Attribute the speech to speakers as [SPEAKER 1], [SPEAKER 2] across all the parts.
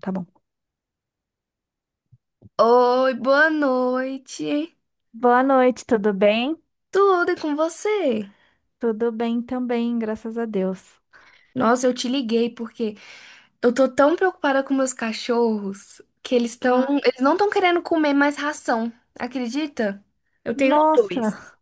[SPEAKER 1] Tá bom.
[SPEAKER 2] Oi, boa noite.
[SPEAKER 1] Boa noite, tudo bem?
[SPEAKER 2] Tudo e com você?
[SPEAKER 1] Tudo bem também, graças a Deus.
[SPEAKER 2] Nossa, eu te liguei porque eu tô tão preocupada com meus cachorros que
[SPEAKER 1] Ai,
[SPEAKER 2] eles não estão querendo comer mais ração. Acredita? Eu tenho
[SPEAKER 1] nossa,
[SPEAKER 2] dois.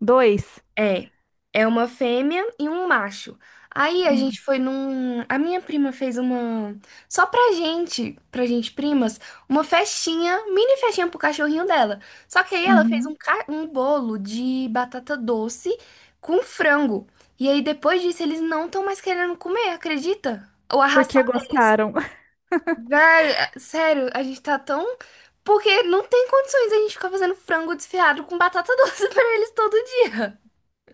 [SPEAKER 1] dois.
[SPEAKER 2] É, é uma fêmea e um macho. Aí a
[SPEAKER 1] Hum,
[SPEAKER 2] gente foi num. A minha prima fez uma. Só pra gente primas, uma festinha, mini festinha pro cachorrinho dela. Só que aí ela fez
[SPEAKER 1] uhum.
[SPEAKER 2] um bolo de batata doce com frango. E aí depois disso eles não estão mais querendo comer, acredita? Ou a ração
[SPEAKER 1] Porque
[SPEAKER 2] deles.
[SPEAKER 1] gostaram.
[SPEAKER 2] Véi, sério, a gente tá tão. Porque não tem condições a gente ficar fazendo frango desfiado com batata doce pra eles todo dia.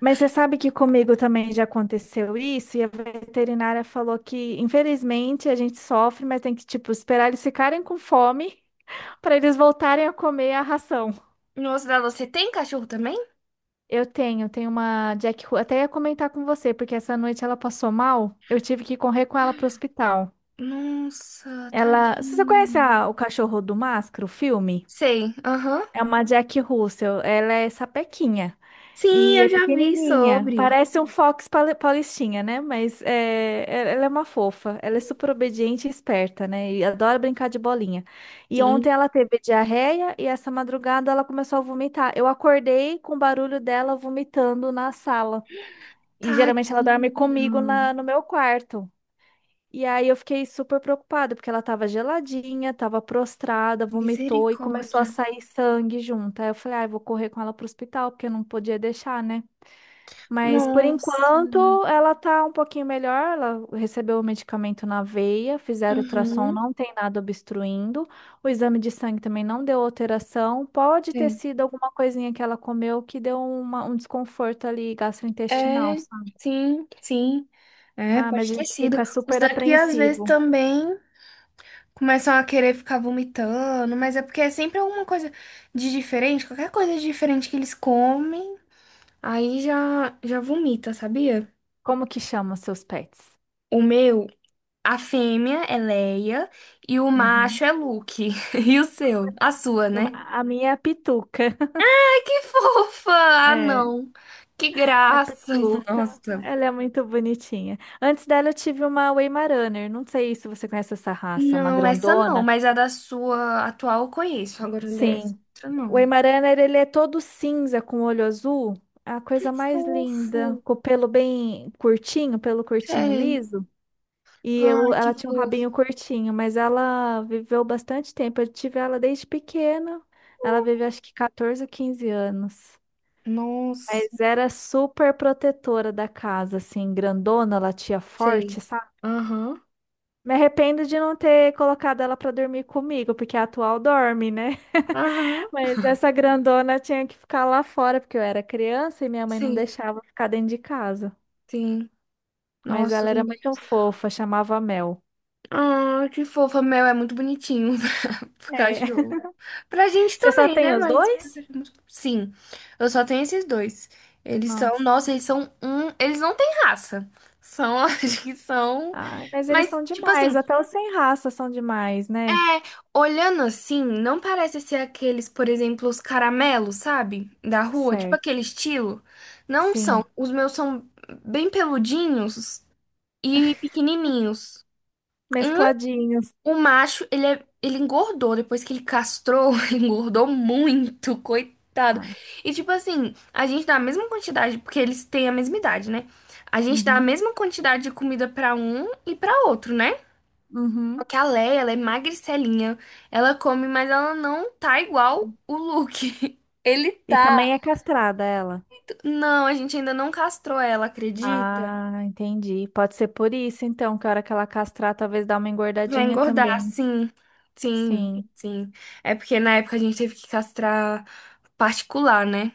[SPEAKER 1] Mas você sabe que comigo também já aconteceu isso, e a veterinária falou que, infelizmente, a gente sofre, mas tem que, tipo, esperar eles ficarem com fome para eles voltarem a comer a ração.
[SPEAKER 2] Nossa, Dada, você tem cachorro também?
[SPEAKER 1] Tenho uma Jack Russell, até ia comentar com você, porque essa noite ela passou mal, eu tive que correr com ela para o hospital.
[SPEAKER 2] Nossa,
[SPEAKER 1] Ela. Você só conhece
[SPEAKER 2] tadinho.
[SPEAKER 1] o Cachorro do Máscara, o filme?
[SPEAKER 2] Sei, aham.
[SPEAKER 1] É uma Jack Russell. Ela é sapequinha
[SPEAKER 2] Sim,
[SPEAKER 1] e
[SPEAKER 2] eu
[SPEAKER 1] é
[SPEAKER 2] já vi
[SPEAKER 1] pequenininha.
[SPEAKER 2] sobre.
[SPEAKER 1] Parece um Paulistinha, né? Ela é uma fofa. Ela é super obediente e esperta, né? E adora brincar de bolinha. E ontem
[SPEAKER 2] Sim.
[SPEAKER 1] ela teve diarreia e essa madrugada ela começou a vomitar. Eu acordei com o barulho dela vomitando na sala. E geralmente ela dorme comigo
[SPEAKER 2] Tadinho.
[SPEAKER 1] no meu quarto. E aí eu fiquei super preocupada, porque ela tava geladinha, tava prostrada, vomitou e começou a
[SPEAKER 2] Misericórdia.
[SPEAKER 1] sair sangue junto. Aí eu falei, ah, eu vou correr com ela pro hospital, porque eu não podia deixar, né? Mas por
[SPEAKER 2] Nossa.
[SPEAKER 1] enquanto ela tá um pouquinho melhor, ela recebeu o medicamento na veia, fizeram ultrassom,
[SPEAKER 2] Uhum.
[SPEAKER 1] não tem nada obstruindo. O exame de sangue também não deu alteração. Pode ter
[SPEAKER 2] Sei.
[SPEAKER 1] sido alguma coisinha que ela comeu que deu um desconforto ali gastrointestinal,
[SPEAKER 2] É,
[SPEAKER 1] sabe?
[SPEAKER 2] sim, sim. É,
[SPEAKER 1] Ah, mas
[SPEAKER 2] pode
[SPEAKER 1] a
[SPEAKER 2] ter
[SPEAKER 1] gente
[SPEAKER 2] sido.
[SPEAKER 1] fica
[SPEAKER 2] Os
[SPEAKER 1] super
[SPEAKER 2] daqui às vezes
[SPEAKER 1] apreensivo.
[SPEAKER 2] também começam a querer ficar vomitando, mas é porque é sempre alguma coisa de diferente, qualquer coisa de diferente que eles comem, aí já já vomita, sabia?
[SPEAKER 1] Como que chamam seus pets?
[SPEAKER 2] O meu. A fêmea é Leia e o
[SPEAKER 1] Uhum.
[SPEAKER 2] macho é Luke. E o seu? A sua, né?
[SPEAKER 1] A minha é a Pituca.
[SPEAKER 2] Ai, que fofa! Ah,
[SPEAKER 1] É.
[SPEAKER 2] não. Que
[SPEAKER 1] A
[SPEAKER 2] graça!
[SPEAKER 1] Pituca.
[SPEAKER 2] Nossa.
[SPEAKER 1] Ela é muito bonitinha. Antes dela, eu tive uma Weimaraner. Não sei se você conhece essa raça, uma
[SPEAKER 2] Não, essa não,
[SPEAKER 1] grandona.
[SPEAKER 2] mas a da sua atual eu conheço. Agora dessa
[SPEAKER 1] Sim.
[SPEAKER 2] outra
[SPEAKER 1] O
[SPEAKER 2] não.
[SPEAKER 1] Weimaraner, ele é todo cinza com olho azul. É a coisa mais
[SPEAKER 2] Fofo.
[SPEAKER 1] linda. Com o pelo bem curtinho, pelo curtinho
[SPEAKER 2] Sei.
[SPEAKER 1] liso.
[SPEAKER 2] Ai, que
[SPEAKER 1] Ela tinha um rabinho
[SPEAKER 2] fofo.
[SPEAKER 1] curtinho, mas ela viveu bastante tempo. Eu tive ela desde pequena. Ela viveu acho que 14 ou 15 anos.
[SPEAKER 2] Nossa.
[SPEAKER 1] Mas era super protetora da casa, assim, grandona. Ela latia
[SPEAKER 2] Sei.
[SPEAKER 1] forte, sabe?
[SPEAKER 2] Aham.
[SPEAKER 1] Me arrependo de não ter colocado ela pra dormir comigo, porque a atual dorme, né?
[SPEAKER 2] Aham.
[SPEAKER 1] Mas essa grandona tinha que ficar lá fora, porque eu era criança e minha mãe não
[SPEAKER 2] Sim,
[SPEAKER 1] deixava ficar dentro de casa.
[SPEAKER 2] sim.
[SPEAKER 1] Mas
[SPEAKER 2] Nossa,
[SPEAKER 1] ela
[SPEAKER 2] os
[SPEAKER 1] era muito
[SPEAKER 2] meus.
[SPEAKER 1] fofa, chamava Mel.
[SPEAKER 2] Ah, que fofa. Meu é muito bonitinho. Pro
[SPEAKER 1] É.
[SPEAKER 2] cachorro. Pra gente
[SPEAKER 1] Você só
[SPEAKER 2] também,
[SPEAKER 1] tem
[SPEAKER 2] né?
[SPEAKER 1] os
[SPEAKER 2] Mas pro
[SPEAKER 1] dois?
[SPEAKER 2] cachorro. Sim, eu só tenho esses dois. Eles são,
[SPEAKER 1] Nossa.
[SPEAKER 2] nossa, eles são um. Eles não têm raça. São, acho que são.
[SPEAKER 1] Ai, mas eles
[SPEAKER 2] Mas,
[SPEAKER 1] são
[SPEAKER 2] tipo
[SPEAKER 1] demais,
[SPEAKER 2] assim,
[SPEAKER 1] até os sem raça são demais, né?
[SPEAKER 2] é, olhando assim, não parece ser aqueles, por exemplo, os caramelos, sabe? Da rua, tipo
[SPEAKER 1] Certo,
[SPEAKER 2] aquele estilo. Não são.
[SPEAKER 1] sim.
[SPEAKER 2] Os meus são bem peludinhos e pequenininhos. Um.
[SPEAKER 1] Mescladinhos.
[SPEAKER 2] O macho, ele engordou depois que ele castrou, ele engordou muito, coitado.
[SPEAKER 1] Ah,
[SPEAKER 2] E tipo assim, a gente dá a mesma quantidade, porque eles têm a mesma idade, né? A gente dá a
[SPEAKER 1] uhum,
[SPEAKER 2] mesma quantidade de comida pra um e pra outro, né? Só
[SPEAKER 1] uhum.
[SPEAKER 2] que a Leia, ela é magricelinha, ela come, mas ela não tá igual o Luke. Ele
[SPEAKER 1] E
[SPEAKER 2] tá.
[SPEAKER 1] também é castrada ela.
[SPEAKER 2] Não, a gente ainda não castrou ela, acredita?
[SPEAKER 1] Ah, entendi. Pode ser por isso, então, que a hora que ela castrar, talvez dá uma
[SPEAKER 2] Vai
[SPEAKER 1] engordadinha
[SPEAKER 2] engordar,
[SPEAKER 1] também.
[SPEAKER 2] sim. Sim,
[SPEAKER 1] Sim,
[SPEAKER 2] sim. É porque na época a gente teve que castrar particular, né?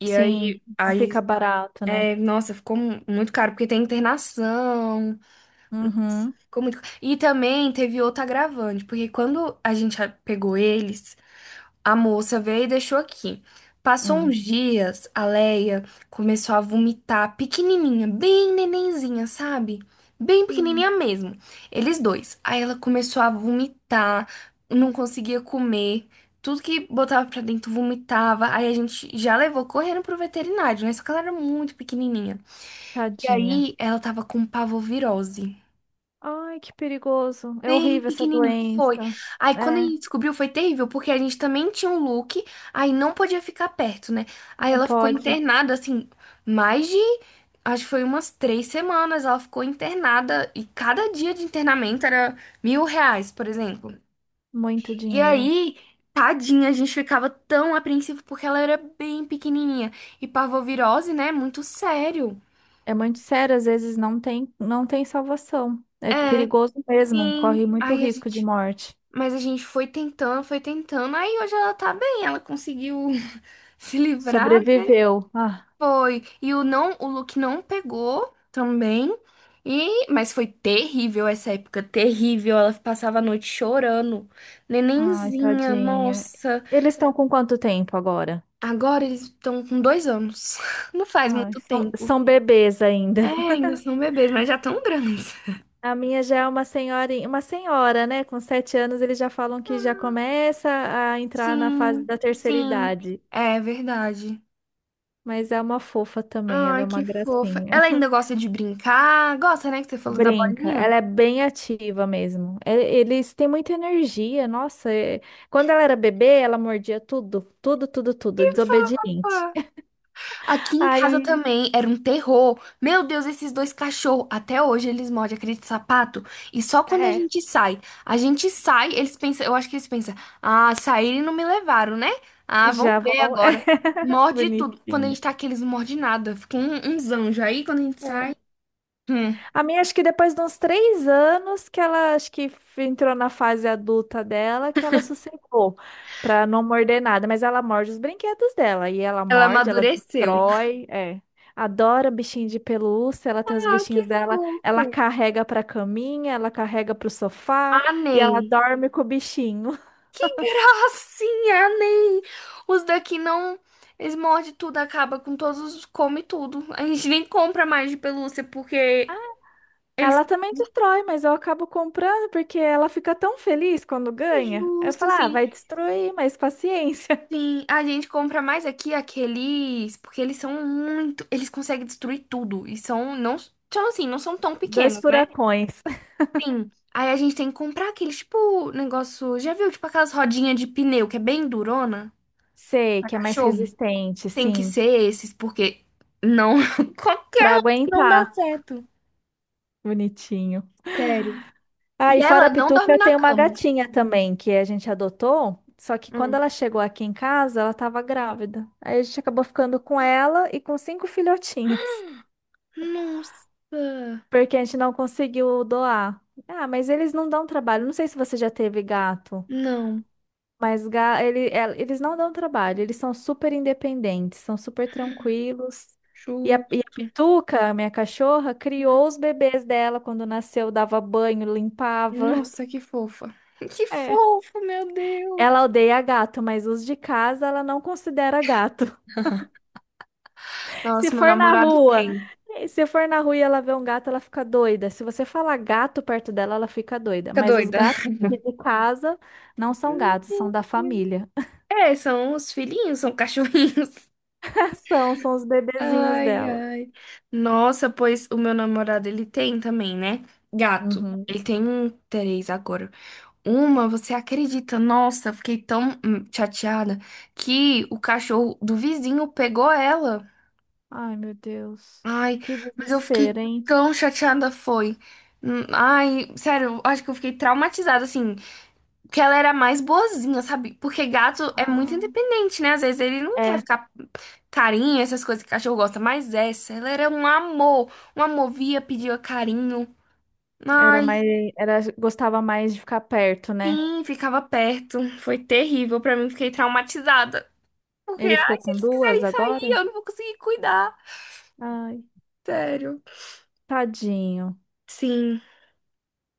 [SPEAKER 2] E aí,
[SPEAKER 1] sim. Não fica
[SPEAKER 2] aí,
[SPEAKER 1] barato, né?
[SPEAKER 2] é, nossa, ficou muito caro, porque tem internação,
[SPEAKER 1] Uhum.
[SPEAKER 2] ficou muito... E também teve outro agravante, porque quando a gente pegou eles, a moça veio e deixou aqui. Passou uns
[SPEAKER 1] Hum.
[SPEAKER 2] dias, a Leia começou a vomitar pequenininha, bem nenenzinha, sabe? Bem pequenininha
[SPEAKER 1] Hum,
[SPEAKER 2] mesmo. Eles dois. Aí ela começou a vomitar, não conseguia comer. Tudo que botava pra dentro vomitava. Aí a gente já levou correndo pro veterinário, né? Só que ela era muito pequenininha. E
[SPEAKER 1] tadinha.
[SPEAKER 2] aí ela tava com parvovirose.
[SPEAKER 1] Ai, que perigoso. É
[SPEAKER 2] Bem
[SPEAKER 1] horrível essa
[SPEAKER 2] pequenininho, foi.
[SPEAKER 1] doença.
[SPEAKER 2] Aí quando a
[SPEAKER 1] É,
[SPEAKER 2] gente descobriu foi terrível, porque a gente também tinha um look, aí não podia ficar perto, né? Aí
[SPEAKER 1] não
[SPEAKER 2] ela ficou
[SPEAKER 1] pode.
[SPEAKER 2] internada, assim, mais de, acho que foi umas 3 semanas, ela ficou internada, e cada dia de internamento era R$ 1.000, por exemplo.
[SPEAKER 1] Muito
[SPEAKER 2] E
[SPEAKER 1] dinheiro.
[SPEAKER 2] aí, tadinha, a gente ficava tão apreensivo, porque ela era bem pequenininha. E parvovirose, né, muito sério.
[SPEAKER 1] É muito sério, às vezes não tem salvação. É
[SPEAKER 2] É,
[SPEAKER 1] perigoso mesmo,
[SPEAKER 2] sim.
[SPEAKER 1] corre muito
[SPEAKER 2] Aí a
[SPEAKER 1] risco de
[SPEAKER 2] gente.
[SPEAKER 1] morte.
[SPEAKER 2] Mas a gente foi tentando, foi tentando. Aí hoje ela tá bem, ela conseguiu se livrar, né?
[SPEAKER 1] Sobreviveu. Ah,
[SPEAKER 2] Foi. E o não, o look não pegou também. E, mas foi terrível essa época, terrível. Ela passava a noite chorando.
[SPEAKER 1] ai,
[SPEAKER 2] Nenenzinha,
[SPEAKER 1] tadinha.
[SPEAKER 2] nossa.
[SPEAKER 1] Eles estão com quanto tempo agora?
[SPEAKER 2] Agora eles estão com 2 anos. Não faz
[SPEAKER 1] Ai,
[SPEAKER 2] muito tempo.
[SPEAKER 1] são bebês
[SPEAKER 2] É,
[SPEAKER 1] ainda.
[SPEAKER 2] ainda são bebês, mas já tão grandes.
[SPEAKER 1] A minha já é uma senhorinha, uma senhora, né? Com 7 anos eles já falam que já começa a entrar na fase
[SPEAKER 2] Sim,
[SPEAKER 1] da terceira
[SPEAKER 2] sim.
[SPEAKER 1] idade.
[SPEAKER 2] É verdade.
[SPEAKER 1] Mas é uma fofa também, ela é
[SPEAKER 2] Ai,
[SPEAKER 1] uma
[SPEAKER 2] que fofa.
[SPEAKER 1] gracinha.
[SPEAKER 2] Ela ainda gosta de brincar? Gosta, né? Que você falou da
[SPEAKER 1] Brinca,
[SPEAKER 2] bolinha?
[SPEAKER 1] ela é bem ativa mesmo. Eles têm muita energia, nossa. Quando ela era bebê, ela mordia tudo, tudo, tudo, tudo,
[SPEAKER 2] Que
[SPEAKER 1] desobediente.
[SPEAKER 2] fofa! Aqui em casa
[SPEAKER 1] Aí,
[SPEAKER 2] também era um terror. Meu Deus, esses dois cachorros. Até hoje eles mordem aquele sapato. E só quando a
[SPEAKER 1] é,
[SPEAKER 2] gente sai. A gente sai, eles pensam. Eu acho que eles pensam. Ah, saíram e não me levaram, né? Ah, vão
[SPEAKER 1] já
[SPEAKER 2] ver
[SPEAKER 1] vão, é
[SPEAKER 2] agora. Morde tudo. Quando a
[SPEAKER 1] bonitinho.
[SPEAKER 2] gente tá aqui, eles não mordem nada. Fica um, uns anjos aí quando a gente sai. Hum,
[SPEAKER 1] A minha, acho que depois de uns três anos que ela, acho que entrou na fase adulta dela, que ela sossegou pra não morder nada, mas ela morde os brinquedos dela, e ela
[SPEAKER 2] ela
[SPEAKER 1] morde, ela
[SPEAKER 2] amadureceu.
[SPEAKER 1] destrói, é. Adora bichinho de pelúcia, ela tem os
[SPEAKER 2] Ah, que
[SPEAKER 1] bichinhos dela,
[SPEAKER 2] fofa.
[SPEAKER 1] ela carrega pra caminha, ela carrega pro sofá,
[SPEAKER 2] Ah,
[SPEAKER 1] e ela
[SPEAKER 2] nem.
[SPEAKER 1] dorme com o bichinho.
[SPEAKER 2] Gracinha, nem. Os daqui não. Eles mordem tudo, acaba com todos os. Come tudo. A gente nem compra mais de pelúcia porque eles.
[SPEAKER 1] Ela também destrói, mas eu acabo comprando porque ela fica tão feliz quando ganha. Eu
[SPEAKER 2] Justo,
[SPEAKER 1] falo, ah,
[SPEAKER 2] sim.
[SPEAKER 1] vai destruir, mas paciência.
[SPEAKER 2] Sim, a gente compra mais aqui aqueles. Porque eles são muito. Eles conseguem destruir tudo. E são. Não, são assim, não são tão
[SPEAKER 1] Dois
[SPEAKER 2] pequenos, né?
[SPEAKER 1] furacões.
[SPEAKER 2] Sim. Aí a gente tem que comprar aqueles, tipo, negócio. Já viu? Tipo aquelas rodinhas de pneu que é bem durona
[SPEAKER 1] Sei
[SPEAKER 2] pra
[SPEAKER 1] que é mais
[SPEAKER 2] cachorro?
[SPEAKER 1] resistente,
[SPEAKER 2] Tem que
[SPEAKER 1] sim,
[SPEAKER 2] ser esses, porque não. Compra.
[SPEAKER 1] pra
[SPEAKER 2] Não dá
[SPEAKER 1] aguentar.
[SPEAKER 2] certo.
[SPEAKER 1] Bonitinho.
[SPEAKER 2] Sério.
[SPEAKER 1] Ah,
[SPEAKER 2] E
[SPEAKER 1] e fora
[SPEAKER 2] ela
[SPEAKER 1] a
[SPEAKER 2] não
[SPEAKER 1] Pituca,
[SPEAKER 2] dorme
[SPEAKER 1] eu
[SPEAKER 2] na
[SPEAKER 1] tenho uma
[SPEAKER 2] cama.
[SPEAKER 1] gatinha também que a gente adotou. Só que quando
[SPEAKER 2] Hum.
[SPEAKER 1] ela chegou aqui em casa, ela estava grávida. Aí a gente acabou ficando com ela e com cinco filhotinhos,
[SPEAKER 2] Nossa.
[SPEAKER 1] porque a gente não conseguiu doar. Ah, mas eles não dão trabalho. Não sei se você já teve gato.
[SPEAKER 2] Não.
[SPEAKER 1] Mas eles não dão trabalho, eles são super independentes, são super tranquilos. E a
[SPEAKER 2] Justo.
[SPEAKER 1] Pituca, minha cachorra,
[SPEAKER 2] Uhum.
[SPEAKER 1] criou os bebês dela quando nasceu, dava banho, limpava.
[SPEAKER 2] Nossa, que fofa. Que
[SPEAKER 1] É.
[SPEAKER 2] fofo, meu Deus.
[SPEAKER 1] Ela odeia gato, mas os de casa ela não considera gato. Se
[SPEAKER 2] Nossa, meu
[SPEAKER 1] for na
[SPEAKER 2] namorado
[SPEAKER 1] rua,
[SPEAKER 2] tem.
[SPEAKER 1] se for na rua e ela vê um gato, ela fica doida. Se você falar gato perto dela, ela fica doida.
[SPEAKER 2] Fica
[SPEAKER 1] Mas os
[SPEAKER 2] doida.
[SPEAKER 1] gatos de casa não são gatos, são da família.
[SPEAKER 2] É, são os filhinhos, são cachorrinhos.
[SPEAKER 1] São os bebezinhos
[SPEAKER 2] Ai,
[SPEAKER 1] dela.
[SPEAKER 2] ai. Nossa, pois o meu namorado, ele tem também, né? Gato.
[SPEAKER 1] Uhum.
[SPEAKER 2] Ele tem um três agora. Uma, você acredita? Nossa, eu fiquei tão chateada que o cachorro do vizinho pegou ela.
[SPEAKER 1] Ai, meu Deus.
[SPEAKER 2] Ai,
[SPEAKER 1] Que
[SPEAKER 2] mas eu fiquei
[SPEAKER 1] desespero, hein?
[SPEAKER 2] tão chateada, foi. Ai, sério, eu acho que eu fiquei traumatizada, assim, porque ela era mais boazinha, sabe? Porque gato é muito
[SPEAKER 1] Ah,
[SPEAKER 2] independente, né? Às vezes ele não quer
[SPEAKER 1] é,
[SPEAKER 2] ficar carinho, essas coisas que cachorro gosta, mas essa, ela era um amor, via, pedia carinho.
[SPEAKER 1] era
[SPEAKER 2] Ai,
[SPEAKER 1] mais, era, gostava mais de ficar perto, né?
[SPEAKER 2] sim, ficava perto. Foi terrível pra mim, fiquei traumatizada. Porque,
[SPEAKER 1] Ele ficou
[SPEAKER 2] ai, se
[SPEAKER 1] com
[SPEAKER 2] eles quiserem
[SPEAKER 1] duas
[SPEAKER 2] sair,
[SPEAKER 1] agora?
[SPEAKER 2] eu não vou conseguir cuidar.
[SPEAKER 1] Ai,
[SPEAKER 2] Sério.
[SPEAKER 1] tadinho.
[SPEAKER 2] Sim.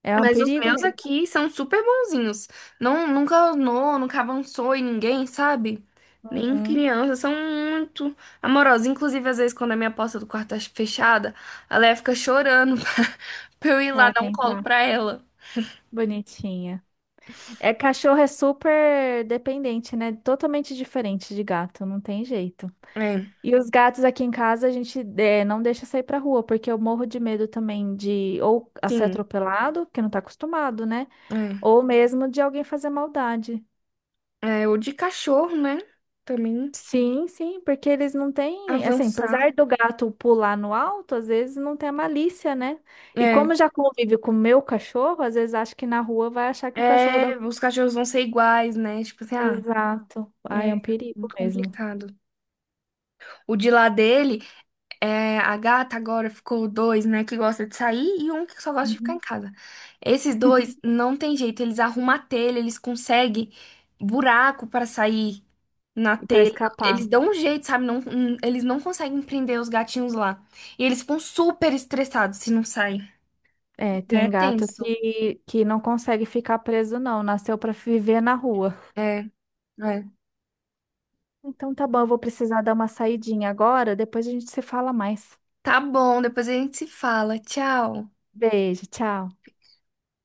[SPEAKER 1] É um
[SPEAKER 2] Mas os
[SPEAKER 1] perigo
[SPEAKER 2] meus
[SPEAKER 1] mesmo.
[SPEAKER 2] aqui são super bonzinhos. Não, nunca anou, nunca avançou em ninguém, sabe? Nem
[SPEAKER 1] Hum,
[SPEAKER 2] criança, são muito amorosos. Inclusive, às vezes, quando a minha porta do quarto tá fechada, a Leia fica chorando pra eu ir lá
[SPEAKER 1] ela
[SPEAKER 2] dar
[SPEAKER 1] quer
[SPEAKER 2] um colo
[SPEAKER 1] entrar.
[SPEAKER 2] pra ela.
[SPEAKER 1] Bonitinha. É, cachorro é super dependente, né? Totalmente diferente de gato, não tem jeito.
[SPEAKER 2] É,
[SPEAKER 1] E os gatos aqui em casa a gente não deixa sair pra rua, porque eu morro de medo também de ou a ser
[SPEAKER 2] sim.
[SPEAKER 1] atropelado, que não tá acostumado, né? Ou mesmo de alguém fazer maldade.
[SPEAKER 2] É, é o de cachorro, né? Também
[SPEAKER 1] Sim, sim, porque eles não têm, assim,
[SPEAKER 2] avançar.
[SPEAKER 1] apesar do gato pular no alto, às vezes não tem a malícia, né? E
[SPEAKER 2] É,
[SPEAKER 1] como já convive com o meu cachorro, às vezes acha que na rua vai achar que o cachorro da
[SPEAKER 2] é,
[SPEAKER 1] rua.
[SPEAKER 2] os cachorros vão ser iguais, né? Tipo assim, ah.
[SPEAKER 1] Exato. Ai, é um
[SPEAKER 2] É
[SPEAKER 1] perigo
[SPEAKER 2] muito
[SPEAKER 1] mesmo.
[SPEAKER 2] complicado. O de lá dele, é, a gata agora ficou dois, né, que gosta de sair e um que só gosta de ficar em
[SPEAKER 1] Uhum.
[SPEAKER 2] casa. Esses dois não tem jeito, eles arrumam a telha, eles conseguem buraco para sair na
[SPEAKER 1] E para
[SPEAKER 2] telha.
[SPEAKER 1] escapar.
[SPEAKER 2] Eles dão um jeito, sabe? Não, eles não conseguem prender os gatinhos lá. E eles ficam super estressados se não saem.
[SPEAKER 1] É,
[SPEAKER 2] É
[SPEAKER 1] tem gato
[SPEAKER 2] tenso.
[SPEAKER 1] que não consegue ficar preso, não. Nasceu para viver na rua.
[SPEAKER 2] É, é.
[SPEAKER 1] Então tá bom, eu vou precisar dar uma saidinha agora, depois a gente se fala mais.
[SPEAKER 2] Tá bom, depois a gente se fala. Tchau.
[SPEAKER 1] Beijo, tchau.